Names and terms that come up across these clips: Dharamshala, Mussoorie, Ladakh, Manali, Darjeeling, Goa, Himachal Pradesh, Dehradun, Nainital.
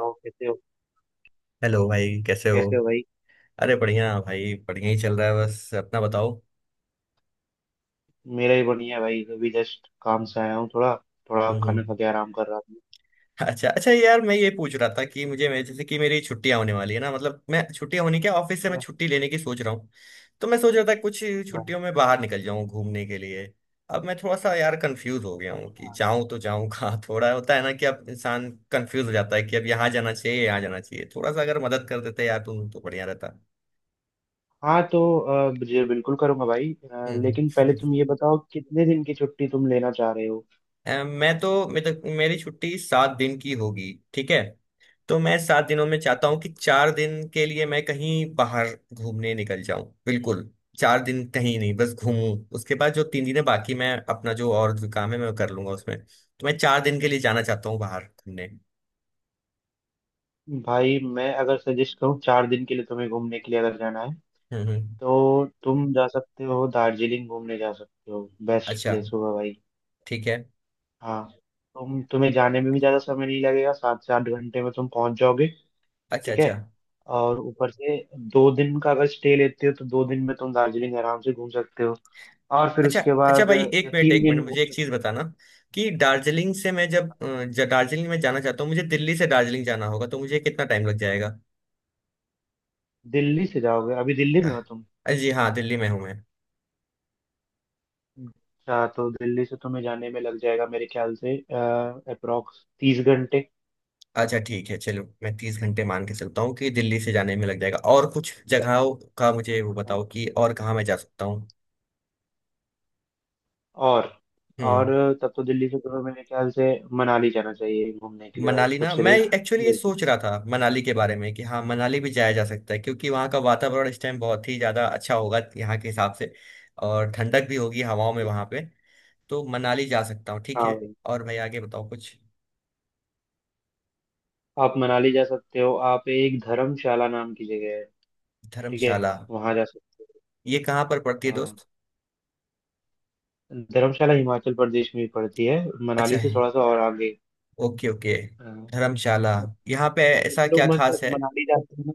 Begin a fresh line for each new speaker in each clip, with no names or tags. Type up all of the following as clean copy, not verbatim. हो कैसे हो।
हेलो भाई, कैसे हो।
कैसे हो भाई?
अरे बढ़िया भाई, बढ़िया ही चल रहा है, बस अपना बताओ।
मेरा ही बढ़िया है भाई, अभी जस्ट काम से आया हूँ, थोड़ा थोड़ा
हम्म
खाना खा
हम्म।
के आराम कर रहा था।
अच्छा अच्छा यार, मैं ये पूछ रहा था कि मुझे मैं जैसे कि मेरी छुट्टियां होने वाली है ना, मतलब मैं छुट्टियां होने क्या ऑफिस से मैं छुट्टी लेने की सोच रहा हूँ। तो मैं सोच रहा था कुछ
हाँ।
छुट्टियों में बाहर निकल जाऊं घूमने के लिए। अब मैं थोड़ा सा यार कंफ्यूज हो गया हूँ कि
अच्छा।
जाऊं तो जाऊं कहाँ। थोड़ा होता है ना कि अब इंसान कंफ्यूज हो जाता है कि अब यहाँ जाना चाहिए, यहाँ जाना चाहिए। थोड़ा सा अगर मदद कर देते यार तुम तो बढ़िया रहता।
हाँ, तो जी बिल्कुल करूंगा भाई।
हम्म
लेकिन पहले
हम्म।
तुम ये बताओ कितने दिन की छुट्टी तुम लेना चाह रहे हो?
मैं तो मेरे तो, मेरी छुट्टी सात दिन की होगी, ठीक है। तो मैं सात दिनों में चाहता हूँ कि चार दिन के लिए मैं कहीं बाहर घूमने निकल जाऊं। बिल्कुल चार दिन कहीं नहीं, बस घूमूं। उसके बाद जो तीन दिन है बाकी, मैं अपना जो और जो काम है मैं कर लूंगा उसमें। तो मैं चार दिन के लिए जाना चाहता हूँ बाहर घूमने।
भाई मैं अगर सजेस्ट करूँ 4 दिन के लिए तुम्हें घूमने के लिए अगर जाना है
हम्म।
तो तुम जा सकते हो, दार्जिलिंग घूमने जा सकते हो, बेस्ट
अच्छा,
प्लेस होगा भाई।
ठीक है।
हाँ, तुम्हें जाने में भी ज्यादा समय नहीं लगेगा, 7 से 8 घंटे में तुम पहुंच जाओगे।
अच्छा
ठीक है।
अच्छा।
और ऊपर से 2 दिन का अगर स्टे लेते हो तो 2 दिन में तुम दार्जिलिंग आराम से घूम सकते हो। और फिर
अच्छा
उसके
अच्छा
बाद
भाई, एक
या
मिनट
तीन
एक
दिन
मिनट,
में
मुझे
घूम
एक चीज
सकते हो।
बताना कि दार्जिलिंग से मैं जब दार्जिलिंग में जाना चाहता हूँ, मुझे दिल्ली से दार्जिलिंग जाना होगा तो मुझे कितना टाइम लग जाएगा।
दिल्ली से जाओगे? अभी दिल्ली में हो तुम?
जी हाँ, दिल्ली में हूँ मैं।
अच्छा, तो दिल्ली से तुम्हें जाने में लग जाएगा मेरे ख्याल से अप्रोक्स 30 घंटे।
अच्छा ठीक है, चलो मैं तीस घंटे मान के चलता हूँ कि दिल्ली से जाने में लग जाएगा। और कुछ जगहों का मुझे वो
हाँ।
बताओ कि और कहाँ मैं जा सकता हूँ।
और और
हम्म।
तब तो दिल्ली से तुम्हें मेरे ख्याल से मनाली जाना चाहिए घूमने के लिए भाई,
मनाली, ना
सबसे
मैं एक्चुअली ये
नजदीक।
सोच रहा था मनाली के बारे में कि हाँ, मनाली भी जाया जा सकता है क्योंकि वहाँ का वातावरण इस टाइम बहुत ही ज़्यादा अच्छा होगा यहाँ के हिसाब से। और ठंडक भी होगी हवाओं में वहाँ पे। तो मनाली जा सकता हूँ, ठीक
हाँ
है।
भाई।
और भाई आगे बताओ कुछ।
आप मनाली जा सकते हो। आप, एक धर्मशाला नाम की जगह है, ठीक है,
धर्मशाला।
वहां जा सकते हो।
ये कहाँ पर पड़ती है
हाँ,
दोस्त।
धर्मशाला हिमाचल प्रदेश में ही पड़ती है,
अच्छा।
मनाली से थोड़ा सा और आगे।
Okay okay.
अ,
धर्मशाला। यहाँ पे ऐसा
लोग
क्या खास
मतलब
है।
मनाली जाते हैं ना।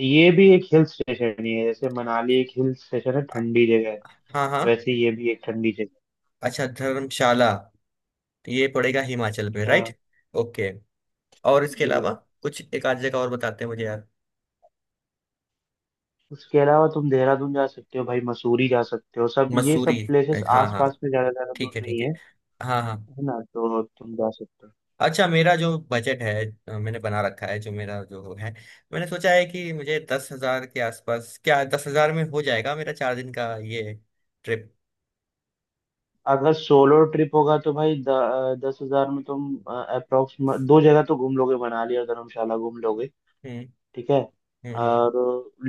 ये भी एक हिल स्टेशन ही है, जैसे मनाली एक हिल स्टेशन है,
अ-
ठंडी जगह है।
हाँ हाँ।
वैसे ये भी एक ठंडी जगह
अच्छा धर्मशाला तो ये पड़ेगा हिमाचल पे,
है। हाँ।
राइट। ओके। और इसके
जी।
अलावा कुछ एक आध जगह और बताते हैं मुझे यार।
उसके अलावा तुम देहरादून जा सकते हो भाई, मसूरी जा सकते हो, सब ये
मसूरी,
सब प्लेसेस
right, हाँ हाँ।
आसपास में, ज्यादा ज्यादा दूर
ठीक है
नहीं
ठीक है।
है।
हाँ हाँ।
है ना, तो तुम जा सकते हो।
अच्छा, मेरा जो बजट है, मैंने बना रखा है, जो मेरा जो है, मैंने सोचा है कि मुझे दस हजार के आसपास, क्या दस हजार में हो जाएगा मेरा चार दिन का ये ट्रिप।
अगर सोलो ट्रिप होगा तो भाई, 10,000 में तुम अप्रोक्स दो जगह तो घूम लोगे, मनाली और धर्मशाला घूम लोगे।
हम्म
ठीक है।
हम्म।
और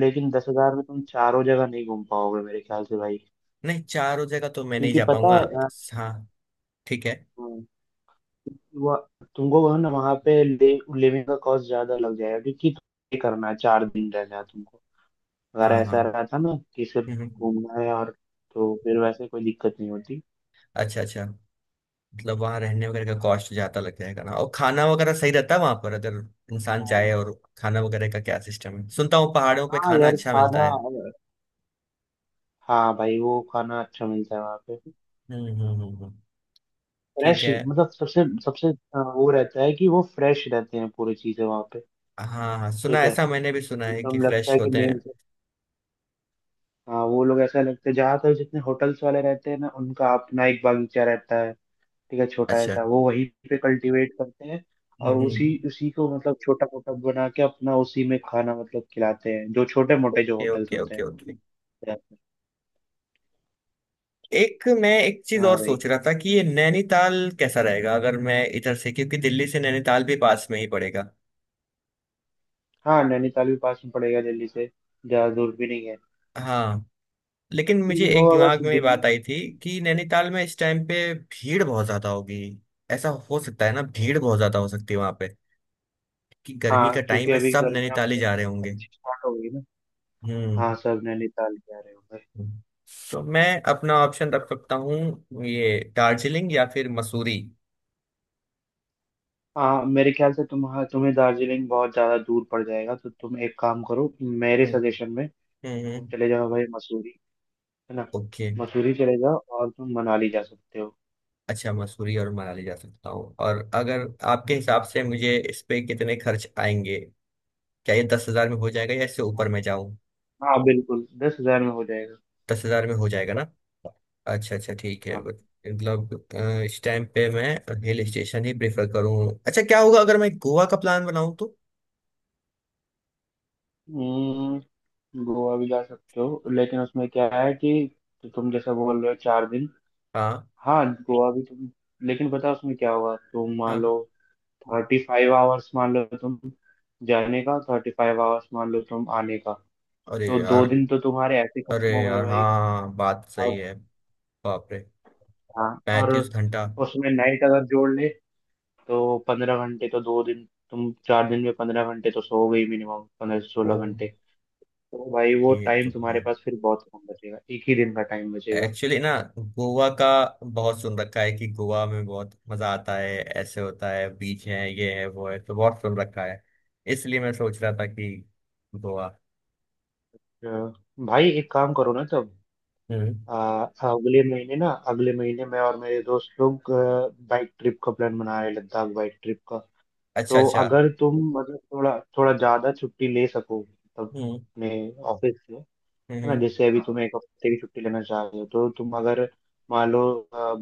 लेकिन 10,000 में तुम चारों जगह नहीं घूम पाओगे मेरे ख्याल से भाई।
नहीं, चार हो जाएगा तो मैं नहीं
क्योंकि
जा
पता
पाऊंगा।
है,
हाँ, ठीक है।
क्योंकि तुमको वह ना वहाँ पे लिविंग का कॉस्ट ज्यादा लग जाएगा क्योंकि तुम्हें करना है, 4 दिन रहना है तुमको। अगर
हाँ हाँ।
ऐसा रहा था ना कि सिर्फ
हम्म हम्म।
घूमना है और तो फिर वैसे कोई दिक्कत नहीं होती।
अच्छा अच्छा। मतलब वहाँ रहने वगैरह का कॉस्ट ज्यादा लग जाएगा ना। और खाना वगैरह सही रहता है वहाँ पर अगर इंसान
हाँ।
जाए। और खाना वगैरह का क्या सिस्टम है, सुनता हूँ पहाड़ों पे
हाँ
खाना
यार,
अच्छा मिलता
खाना,
है।
हाँ भाई, वो खाना अच्छा मिलता है वहाँ पे।
हम्म हम्म हम्म हम्म। ठीक
फ्रेश,
है।
मतलब सबसे सबसे वो रहता है कि वो फ्रेश रहते हैं, पूरी चीजें वहाँ पे।
हाँ हाँ, सुना
ठीक
है,
है,
ऐसा मैंने भी सुना है कि
एकदम लगता
फ्रेश
है कि,
होते हैं।
हाँ, वो लोग ऐसा लगता है जहाँ तक जितने होटल्स वाले रहते हैं ना उनका अपना एक बगीचा रहता है, ठीक है, छोटा
अच्छा।
ऐसा, वो वहीं पे कल्टीवेट करते हैं और
हम्म।
उसी उसी को मतलब छोटा मोटा बना के अपना उसी में खाना मतलब खिलाते हैं जो छोटे मोटे जो
ओके
होटल्स
ओके
होते हैं
ओके ओके।
देहात में।
एक, मैं एक चीज
हाँ
और
भाई।
सोच रहा था कि ये नैनीताल कैसा रहेगा अगर मैं इधर से, क्योंकि दिल्ली से नैनीताल भी पास में ही पड़ेगा।
हाँ, नैनीताल भी पास में पड़ेगा दिल्ली से, ज्यादा दूर भी नहीं है।
हाँ, लेकिन
फिर
मुझे
भी हो
एक
अगर
दिमाग
तो
में
दिल्ली।
बात आई थी कि नैनीताल में इस टाइम पे भीड़ बहुत ज्यादा होगी। ऐसा हो सकता है ना, भीड़ बहुत ज्यादा हो सकती है वहां पे कि गर्मी
हाँ
का
क्योंकि
टाइम है,
अभी
सब
गर्मियाँ
नैनीताल ही
मतलब
जा रहे होंगे।
अच्छी स्टार्ट हो गई ना।
हम्म
हाँ, सब नैनीताल जा रहे हो।
हम्म। तो मैं अपना ऑप्शन रख सकता हूँ ये दार्जिलिंग या फिर मसूरी।
हाँ, मेरे ख्याल से तुम्हारा, तुम्हें दार्जिलिंग बहुत ज्यादा दूर पड़ जाएगा, तो तुम एक काम करो, मेरे
हम्म
सजेशन में
हम्म
तुम
हम्म।
चले जाओ भाई मसूरी, है ना,
ओके।
मसूरी चले जाओ और तुम मनाली जा सकते हो।
अच्छा, मसूरी और मनाली जा सकता हूँ। और अगर आपके हिसाब से मुझे इस पे कितने खर्च आएंगे, क्या ये दस हजार में हो जाएगा या इससे ऊपर में जाऊँ।
हाँ बिल्कुल, 10,000 में हो जाएगा।
दस हजार में हो जाएगा ना। अच्छा अच्छा, ठीक है।
हाँ।
बट मतलब इस टाइम पे मैं हिल स्टेशन ही प्रेफर करूँ अच्छा, क्या होगा अगर मैं गोवा का प्लान बनाऊँ तो।
हम्म, गोवा भी जा सकते हो लेकिन उसमें क्या है कि तुम जैसा बोल रहे हो 4 दिन।
हाँ
हाँ, गोवा भी तुम, लेकिन पता है उसमें क्या होगा, तुम मान
हाँ।
लो 35 आवर्स मान लो तुम जाने का, 35 आवर्स मान लो तुम आने का।
अरे
तो दो
यार।
दिन तो तुम्हारे ऐसे ही
अरे
खत्म हो गए
यार,
भाई।
हाँ, बात सही
अब,
है। बाप रे,
हाँ, और
पैंतीस घंटा।
उसमें नाइट अगर जोड़ ले तो 15 घंटे तो 2 दिन, तुम 4 दिन में 15 घंटे तो सो गई, मिनिमम पंद्रह से
ओ,
सोलह घंटे तो भाई वो
ये
टाइम
तो है।
तुम्हारे पास फिर बहुत कम बचेगा, एक ही दिन का टाइम बचेगा।
एक्चुअली ना, गोवा का बहुत सुन रखा है कि गोवा में बहुत मजा आता है, ऐसे होता है, बीच है, ये है वो है, तो बहुत सुन रखा है। इसलिए मैं सोच रहा था कि गोवा।
अ, भाई एक काम करो ना तब।
हम्म।
आ, अगले महीने ना, अगले महीने मैं और मेरे दोस्त लोग बाइक ट्रिप का प्लान बना रहे हैं, लद्दाख बाइक ट्रिप का।
अच्छा
तो
अच्छा।
अगर तुम मतलब थोड़ा थोड़ा ज्यादा छुट्टी ले सको तब
हम्म
अपने ऑफिस से, है
हम्म
ना।
हम्म
जैसे अभी तुम एक हफ्ते की छुट्टी लेना चाह रहे हो, तो तुम अगर मान लो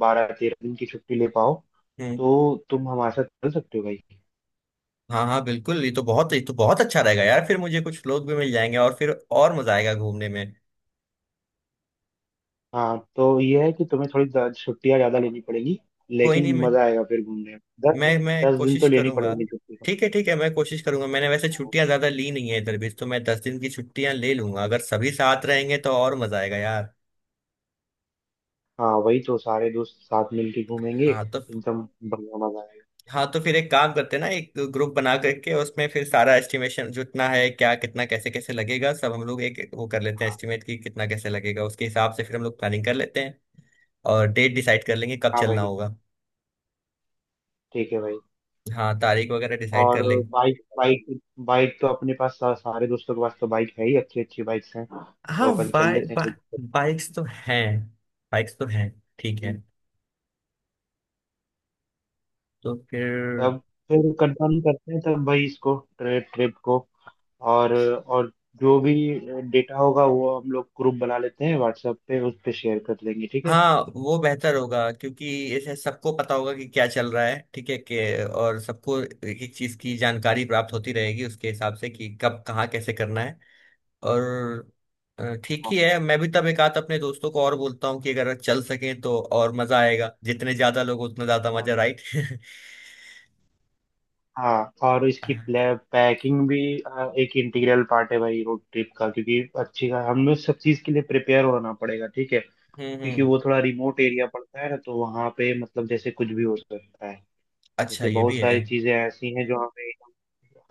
12-13 दिन की छुट्टी ले पाओ
हम्म।
तो तुम हमारे साथ चल सकते हो भाई।
हाँ हाँ बिल्कुल, ये तो बहुत, ये तो बहुत अच्छा रहेगा यार, फिर मुझे कुछ लोग भी मिल जाएंगे और फिर और मजा आएगा घूमने में।
हाँ, तो ये है कि तुम्हें छुट्टियाँ ज्यादा लेनी पड़ेगी
कोई नहीं,
लेकिन
मैं
मजा आएगा फिर घूमने में। दस
मैं
दिन
मैं
दस दिन तो
कोशिश
लेनी
करूंगा।
पड़ेगी छुट्टी।
ठीक है ठीक है, मैं कोशिश करूंगा, मैंने वैसे
तो।
छुट्टियां ज्यादा ली नहीं है इधर भी, तो मैं दस दिन की छुट्टियां ले लूंगा। अगर सभी साथ रहेंगे तो और मजा आएगा यार।
हाँ वही, तो सारे दोस्त साथ मिलके घूमेंगे
हाँ तो,
एकदम, बढ़िया मजा आएगा।
हाँ तो फिर एक काम करते हैं ना, एक ग्रुप बना करके, उसमें फिर सारा एस्टिमेशन जितना है क्या, कितना कैसे कैसे लगेगा, सब हम लोग एक एक वो कर लेते हैं एस्टिमेट कि कितना कैसे लगेगा, उसके हिसाब से फिर हम लोग प्लानिंग कर लेते हैं। और डेट डिसाइड कर लेंगे कब
हाँ
चलना
भाई।
होगा।
ठीक है भाई।
हाँ, तारीख वगैरह डिसाइड
और
कर लेंगे।
बाइक बाइक बाइक तो अपने पास, सारे दोस्तों के पास तो बाइक है ही, अच्छी अच्छी बाइक्स हैं, तो
हाँ,
अपन चल लेते हैं
बाइक्स तो हैं। बाइक्स तो हैं। ठीक है।
कहीं।
तो फिर।
तब, फिर कंफर्म करते हैं तब भाई इसको ट्रिप ट्रिप को और जो भी डेटा होगा वो हम लोग ग्रुप बना लेते हैं व्हाट्सएप पे, उस पे शेयर कर लेंगे, ठीक है।
हाँ, वो बेहतर होगा क्योंकि इसे सबको पता होगा कि क्या चल रहा है, ठीक है, कि और सबको एक एक चीज की जानकारी प्राप्त होती रहेगी उसके हिसाब से कि कब कहाँ कैसे करना है। और ठीक
हाँ।
ही है, मैं भी तब एक आध अपने दोस्तों को और बोलता हूँ कि अगर चल सकें तो और मजा आएगा, जितने ज्यादा लोग उतना ज्यादा
हाँ,
मजा, राइट।
हाँ, और इसकी पैकिंग भी एक इंटीग्रल पार्ट है भाई रोड ट्रिप का, क्योंकि अच्छी का हमें सब चीज़ के लिए प्रिपेयर होना पड़ेगा, ठीक है। क्योंकि
हम्म।
वो थोड़ा रिमोट एरिया पड़ता है ना, तो वहाँ पे मतलब जैसे कुछ भी हो सकता है।
अच्छा,
जैसे
ये
बहुत
भी है।
सारी चीज़ें ऐसी हैं जो हमें,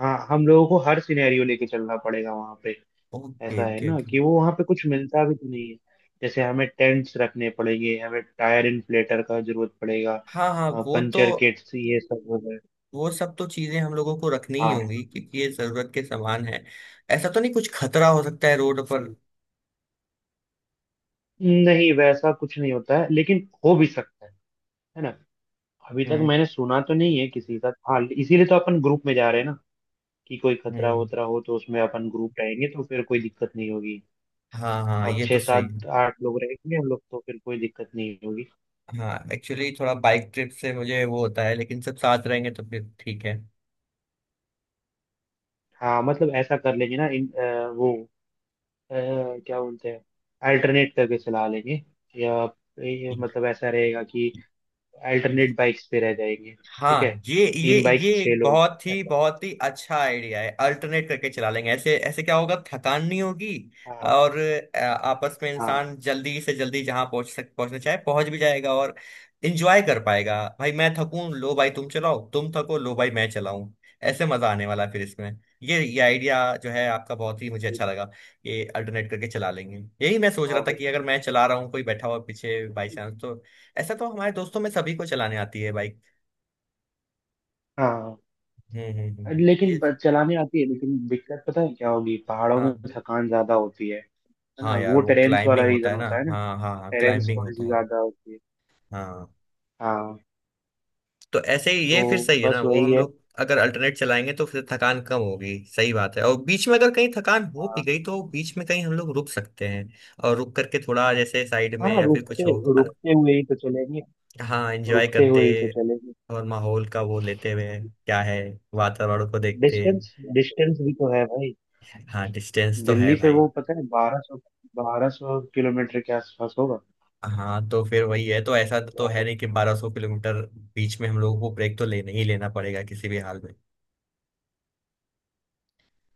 हाँ हम लोगों को हर सिनेरियो लेके चलना पड़ेगा वहाँ पे।
ओके
ऐसा है
ओके
ना
ओके।
कि वो वहां पे कुछ मिलता भी तो नहीं है। जैसे हमें टेंट्स रखने पड़ेंगे, हमें टायर इन्फ्लेटर का जरूरत पड़ेगा,
हाँ हाँ, वो तो,
पंचर किट्स ये सब वगैरह।
वो सब तो चीजें हम लोगों को रखनी ही
हाँ,
होंगी क्योंकि ये जरूरत के सामान है। ऐसा तो नहीं कुछ खतरा हो सकता है रोड पर।
नहीं वैसा कुछ नहीं होता है लेकिन हो भी सकता है। है ना। अभी तक
हम्म
मैंने सुना तो नहीं है किसी का, हाँ इसीलिए तो अपन ग्रुप में जा रहे हैं ना, कि कोई खतरा
हम्म।
वतरा हो तो उसमें अपन ग्रुप रहेंगे तो फिर कोई दिक्कत नहीं होगी।
हाँ हाँ,
अब
ये
छह
तो सही है।
सात आठ लोग रहेंगे हम लोग तो फिर कोई दिक्कत नहीं होगी।
हाँ, एक्चुअली थोड़ा बाइक ट्रिप से मुझे वो होता है, लेकिन सब साथ रहेंगे तो फिर ठीक
हाँ मतलब ऐसा कर लेंगे ना, इन वो, अ, क्या बोलते हैं, अल्टरनेट करके चला लेंगे, या ये मतलब ऐसा रहेगा कि
है।
अल्टरनेट बाइक्स पे रह जाएंगे। ठीक है,
हाँ, ये ये
तीन
ये
बाइक्स छह
एक
लोग, ऐसा।
बहुत ही अच्छा आइडिया है अल्टरनेट करके चला लेंगे, ऐसे ऐसे क्या होगा, थकान नहीं होगी।
हाँ।
और आपस में
हाँ।
इंसान जल्दी से जल्दी जहाँ पहुंच सक पहुंचना चाहे पहुंच भी जाएगा और इंजॉय कर पाएगा। भाई मैं थकूं लो भाई तुम चलाओ, तुम थको लो भाई मैं चलाऊं, ऐसे मजा आने वाला है फिर इसमें। ये आइडिया जो है आपका, बहुत ही मुझे अच्छा लगा, ये अल्टरनेट करके चला लेंगे। यही मैं सोच रहा
हाँ
था
भाई।
कि अगर मैं चला रहा हूँ, कोई बैठा हुआ पीछे बाई चांस तो। ऐसा तो हमारे दोस्तों में सभी को चलाने आती है बाइक।
हाँ, लेकिन
ये थे।
चलाने आती है लेकिन दिक्कत पता है क्या होगी, पहाड़ों में
हाँ
थकान ज्यादा होती है। है
हाँ
ना,
यार,
वो
वो
टेरेंस वाला
क्लाइंबिंग होता
रीजन
है ना,
होता है ना।
हाँ हाँ हाँ,
टेरेंस
क्लाइंबिंग
थोड़ी
होता
सी
है।
ज्यादा होती है।
हाँ
हाँ।
तो ऐसे ही ये फिर
तो
सही है
बस
ना, वो
वही
हम
है।
लोग अगर अल्टरनेट चलाएंगे तो फिर थकान कम होगी, सही बात है। और बीच में अगर कहीं थकान हो
हाँ।
भी गई तो बीच में कहीं हम लोग रुक सकते हैं। और रुक करके थोड़ा जैसे साइड
हाँ,
में या फिर कुछ
रुकते
हो, है ना।
रुकते हुए ही तो चलेंगे,
हाँ, एंजॉय
रुकते
करते
हुए ही तो चलेंगे।
और माहौल का वो लेते हुए, क्या है, वातावरण को देखते।
डिस्टेंस, डिस्टेंस भी तो है भाई।
हाँ डिस्टेंस तो
दिल्ली
है
से
भाई।
वो पता है 1200, 1200 किलोमीटर के आसपास होगा।
हाँ तो फिर वही है, तो ऐसा तो है
बारह-
नहीं कि 1200 किलोमीटर बीच में हम लोगों को ब्रेक तो लेना ही लेना पड़ेगा किसी भी हाल में।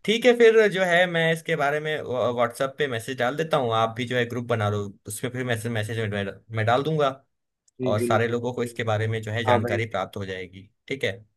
ठीक है, फिर जो है मैं इसके बारे में व्हाट्सएप पे मैसेज डाल देता हूँ, आप भी जो है ग्रुप बना लो, उसमें फिर मैसेज मैसेज मैं डाल दूंगा।
जी
और सारे
बिल्कुल,
लोगों को इसके
बिल्कुल।
बारे में जो है
हाँ भाई।
जानकारी प्राप्त हो जाएगी, ठीक है।